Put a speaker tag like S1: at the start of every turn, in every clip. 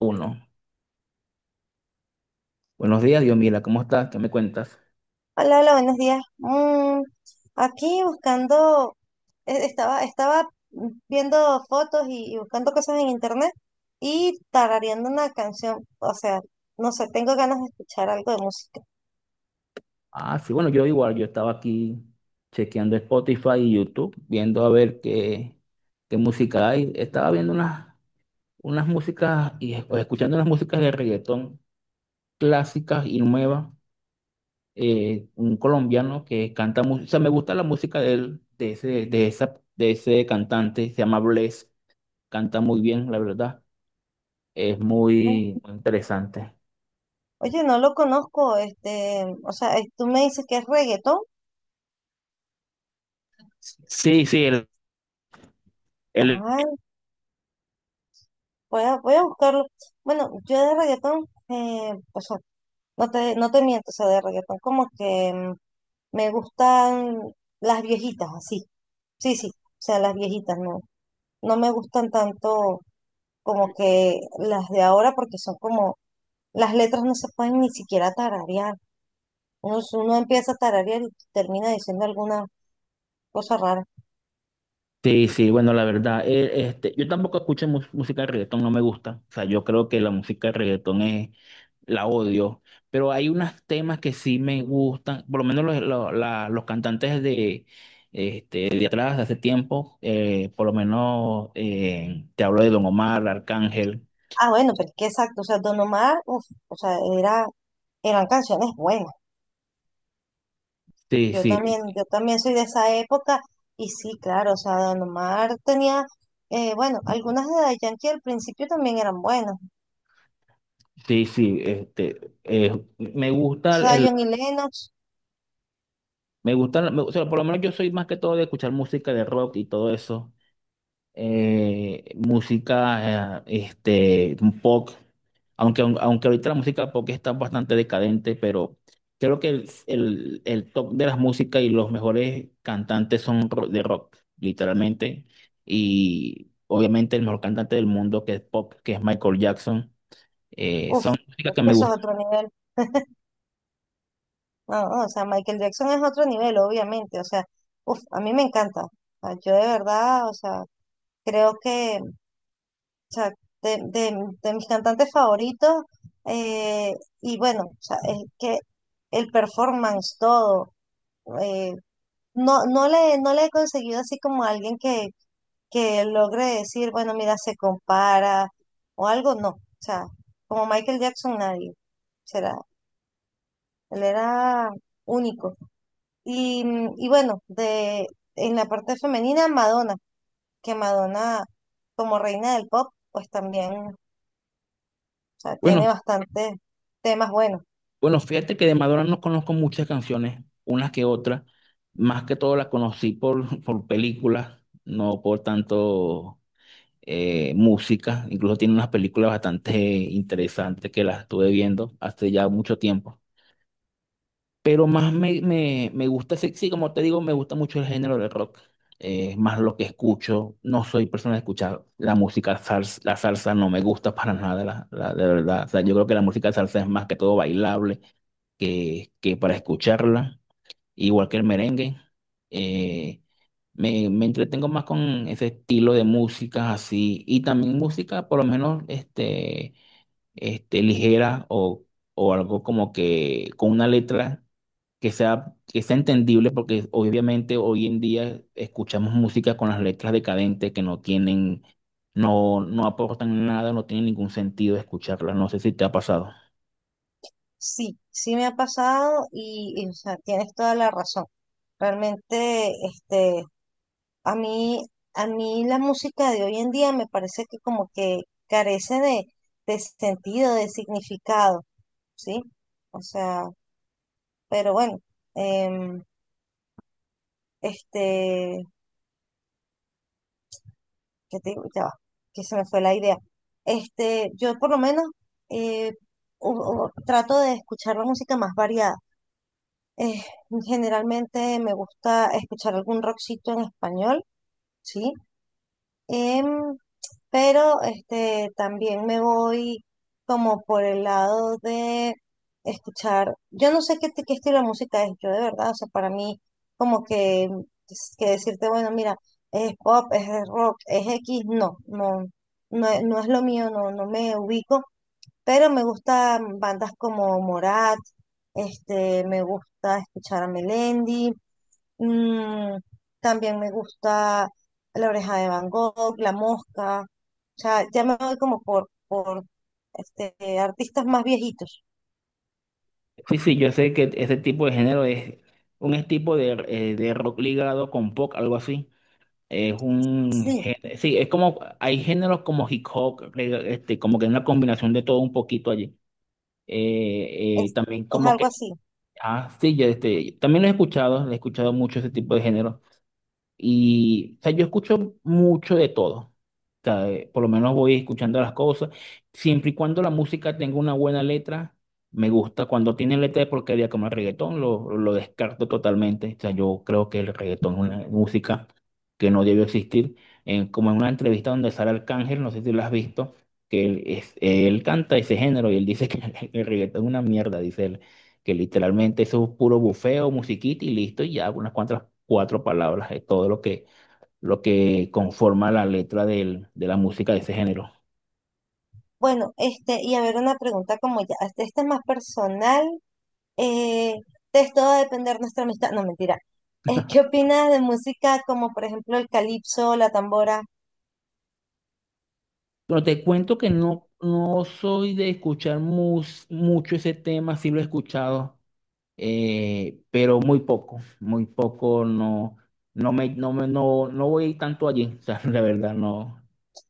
S1: Uno. Buenos días, Diomila, ¿cómo estás? ¿Qué me cuentas?
S2: Hola, hola, buenos días. Aquí buscando, estaba viendo fotos y buscando cosas en internet y tarareando una canción. O sea, no sé, tengo ganas de escuchar algo de música.
S1: Ah, sí, bueno, yo igual, yo estaba aquí chequeando Spotify y YouTube, viendo a ver qué, qué música hay. Estaba viendo unas, unas músicas o escuchando unas músicas de reggaetón clásicas y nuevas. Un colombiano que canta música, o sea, me gusta la música de él, de ese, de esa, de ese cantante, se llama Bless, canta muy bien, la verdad, es
S2: Mm,
S1: muy muy interesante.
S2: Oye, no lo conozco, este, o sea, tú me dices que es reggaetón.
S1: Sí, sí.
S2: Ay, voy a buscarlo. Bueno, yo de reggaetón, o sea, no te miento, o sea, de reggaetón como que me gustan las viejitas, así. Sí, sí, o sea, las viejitas, no. No me gustan tanto como que las de ahora porque son como, las letras no se pueden ni siquiera tararear. Uno, uno empieza a tararear y termina diciendo alguna cosa rara.
S1: Sí, sí, bueno, la verdad, este, yo tampoco escucho música de reggaetón, no me gusta. O sea, yo creo que la música de reggaetón es, la odio, pero hay unos temas que sí me gustan, por lo menos los, los cantantes de, este, de atrás, de hace tiempo, por lo menos te hablo de Don Omar, Arcángel.
S2: Ah, bueno, pero es que exacto, o sea, Don Omar, uf, o sea, era, eran canciones buenas.
S1: Sí, sí,
S2: Yo también soy de esa época y sí, claro, o sea, Don Omar tenía, bueno, algunas de Daddy Yankee al principio también eran buenas.
S1: sí, sí, este, me gusta
S2: Zion
S1: el,
S2: y Lennox,
S1: me gusta, o sea, por lo menos yo soy más que todo de escuchar música de rock y todo eso. Música, este, pop, aunque, aunque ahorita la música pop está bastante decadente, pero creo que el top de las músicas y los mejores cantantes son de rock, literalmente, y obviamente el mejor cantante del mundo que es pop, que es Michael Jackson,
S2: uff,
S1: son músicas
S2: es
S1: que
S2: que
S1: me
S2: eso es
S1: gustan.
S2: otro nivel. No, no, o sea, Michael Jackson es otro nivel, obviamente. O sea, uff, a mí me encanta. O sea, yo de verdad, o sea, creo que, o sea, de, de- de mis cantantes favoritos, eh, y bueno, o sea, es que el performance, todo, eh, no, no le he conseguido así como alguien que logre decir, bueno, mira, se compara o algo, no. O sea, como Michael Jackson, nadie. Será. Él era único. Y bueno, de, en la parte femenina, Madonna, que Madonna, como reina del pop, pues también, o sea,
S1: Bueno,
S2: tiene bastantes temas buenos.
S1: bueno, fíjate que de Madonna no conozco muchas canciones, unas que otras, más que todo las conocí por, por películas, no por tanto música, incluso tiene unas películas bastante interesantes que las estuve viendo hace ya mucho tiempo. Pero más me, me, me gusta, sí, como te digo, me gusta mucho el género del rock. Es más lo que escucho, no soy persona de escuchar la música salsa, la salsa no me gusta para nada, la, de verdad. O sea, yo creo que la música salsa es más que todo bailable que para escucharla igual que el merengue. eh, Me, me entretengo más con ese estilo de música así y también música por lo menos este, este, ligera o algo como que con una letra que sea entendible porque obviamente hoy en día escuchamos música con las letras decadentes que no tienen, no, no aportan nada, no tienen ningún sentido escucharlas. No sé si te ha pasado.
S2: Sí, sí me ha pasado y, o sea, tienes toda la razón. Realmente, este, a mí, a mí la música de hoy en día me parece que como que carece de sentido, de significado, ¿sí? O sea, pero bueno, em, este, ¿qué te digo? Ya va, que se me fue la idea. Este, yo por lo menos eh, trato de escuchar la música más variada. Eh, generalmente me gusta escuchar algún rockcito en español, ¿sí? Em, pero este, también me voy como por el lado de escuchar, yo no sé qué, qué estilo de música es, yo de verdad, o sea, para mí como que, es que decirte, bueno, mira, es pop, es rock, es X, no, no, no, no es lo mío, no, no me ubico, pero me gustan bandas como Morat, este, me gusta escuchar a Melendi, Mm, también me gusta La oreja de Van Gogh, La mosca. O sea, ya me voy como por este, artistas más viejitos.
S1: Sí, sí, yo sé que ese tipo de género es un es tipo de rock ligado con pop, algo así. Es un
S2: Sí,
S1: género, sí, es como, hay géneros como hip hop, este, como que es una combinación de todo un poquito allí.
S2: es,
S1: También
S2: es
S1: como
S2: algo
S1: que,
S2: así.
S1: ah, sí, yo este, también lo he escuchado mucho ese tipo de género. Y, o sea, yo escucho mucho de todo. O sea, por lo menos voy escuchando las cosas. Siempre y cuando la música tenga una buena letra, me gusta. Cuando tiene letra de porquería como el reggaetón, lo descarto totalmente. O sea, yo creo que el reggaetón es una música que no debe existir. Como en una entrevista donde Sara Arcángel, no sé si lo has visto, que él, es, él canta ese género y él dice que el reggaetón es una mierda, dice él que literalmente eso es puro bufeo, musiquita y listo, y ya unas cuantas cuatro palabras, es todo lo que conforma la letra de la música de ese género.
S2: Bueno, este, y a ver una pregunta como ya, este, esta es más personal. eh, de esto va a depender nuestra amistad. No, mentira. ¿Qué opinas de música como por ejemplo el calipso, la tambora?
S1: Bueno te cuento que no, no soy de escuchar mucho ese tema, sí lo he escuchado, pero muy poco, no, no me, no me, no, no voy tanto allí, o sea, la verdad, no.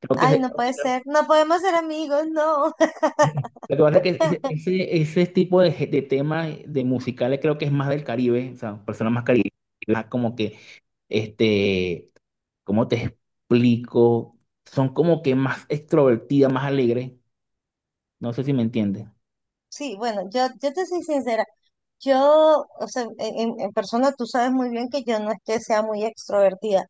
S1: Creo
S2: Ay,
S1: que,
S2: no puede ser, no podemos ser amigos, no.
S1: lo que pasa es que ese tipo de, de temas de musicales creo que es más del Caribe, o sea, personas más caribeñas, como que, este, ¿cómo te explico? Son como que más extrovertidas, más alegres, no sé si me entiendes.
S2: Sí, bueno, yo te soy sincera. Yo, o sea, en, en persona tú sabes muy bien que yo no es que sea muy extrovertida,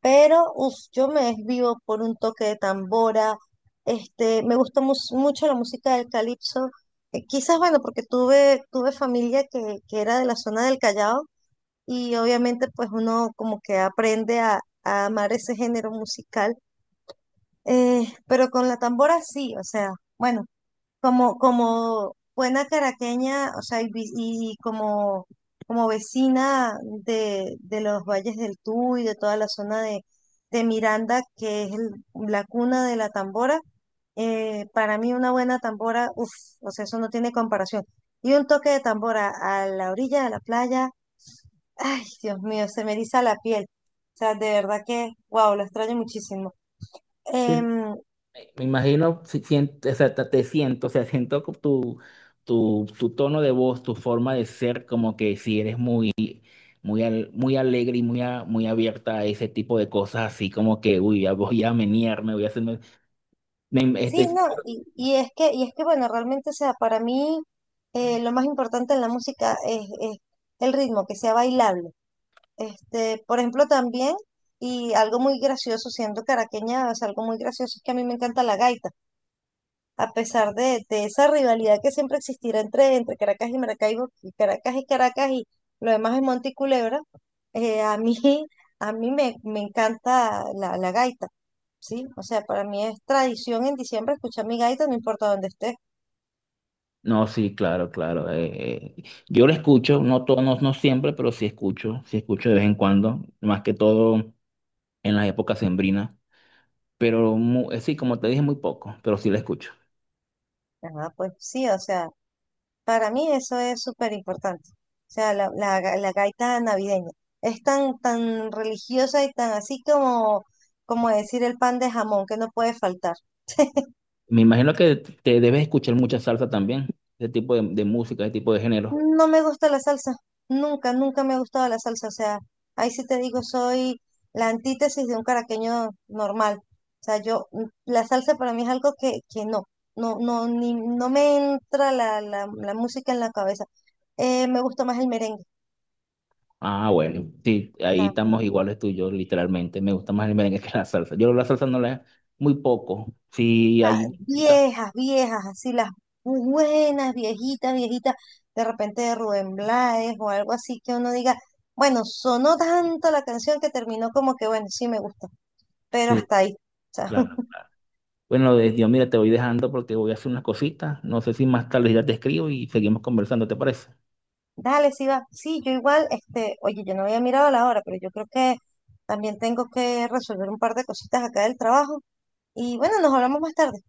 S2: pero uf, yo me desvivo por un toque de tambora, este, me gusta mucho la música del calipso, quizás, bueno, porque tuve, tuve familia que era de la zona del Callao y obviamente pues uno como que aprende a amar ese género musical, pero con la tambora sí, o sea, bueno. Como, como buena caraqueña, o sea, y como, como vecina de los valles del Tuy, de toda la zona de Miranda, que es la cuna de la tambora, para mí una buena tambora, uff, o sea, eso no tiene comparación. Y un toque de tambora a la orilla de la playa, ay, Dios mío, se me eriza la piel. O sea, de verdad que, wow, lo extraño muchísimo.
S1: Te-
S2: Em,
S1: Me imagino, si siento, o sea, te siento, o sea, tu, tu, tu tono de voz, tu forma de ser, como que si eres muy, muy, muy alegre y muy, muy abierta a ese tipo de cosas, así como que, uy, ya voy a menearme, voy a hacer Me-
S2: Sí,
S1: Este,
S2: no, y es que bueno, realmente, o sea, para mí lo más importante en la música es el ritmo, que sea bailable. Este, por ejemplo, también, y algo muy gracioso, siendo caraqueña, es algo muy gracioso es que a mí me encanta la gaita, a pesar de esa rivalidad que siempre existirá entre, entre Caracas y Maracaibo, y Caracas y lo demás es Monte y Culebra, a mí, a mí me, me encanta la gaita. Sí, o sea, para mí es tradición en diciembre escuchar mi gaita, no importa dónde esté.
S1: no, sí, claro, claro. Yo lo escucho, no todos, no, no siempre, pero sí escucho de vez en cuando, más que todo en las épocas sembrinas. Pero sí, como te dije, muy poco, pero sí lo escucho.
S2: Ajá, pues sí, o sea, para mí eso es súper importante. O sea, la gaita navideña es tan, tan religiosa y tan así como, como decir el pan de jamón que no puede faltar.
S1: Me imagino que te debes escuchar mucha salsa también, ese tipo de música, ese tipo de género.
S2: No me gusta la salsa, nunca, nunca me ha gustado la salsa, o sea, ahí sí te digo, soy la antítesis de un caraqueño normal. O sea, yo, la salsa para mí es algo que no, no, no, ni, no me entra la música en la cabeza. Me gusta más el merengue, o
S1: Ah, bueno, sí, ahí
S2: sea,
S1: estamos iguales tú y yo, literalmente. Me gusta más el merengue que la salsa. Yo la salsa no la, muy poco. Sí,
S2: ah,
S1: hay música.
S2: viejas, viejas, así las buenas, viejitas, viejitas, de repente de Rubén Blades o algo así que uno diga, bueno, sonó tanto la canción que terminó como que, bueno, sí me gusta. Pero
S1: Sí,
S2: hasta ahí. O sea,
S1: claro. Bueno, Dios, mira, te voy dejando porque voy a hacer unas cositas. No sé si más tarde ya te escribo y seguimos conversando, ¿te parece?
S2: dale, sí va. Sí, yo igual, este, oye, yo no había mirado la hora, pero yo creo que también tengo que resolver un par de cositas acá del trabajo. Y bueno, nos hablamos más tarde.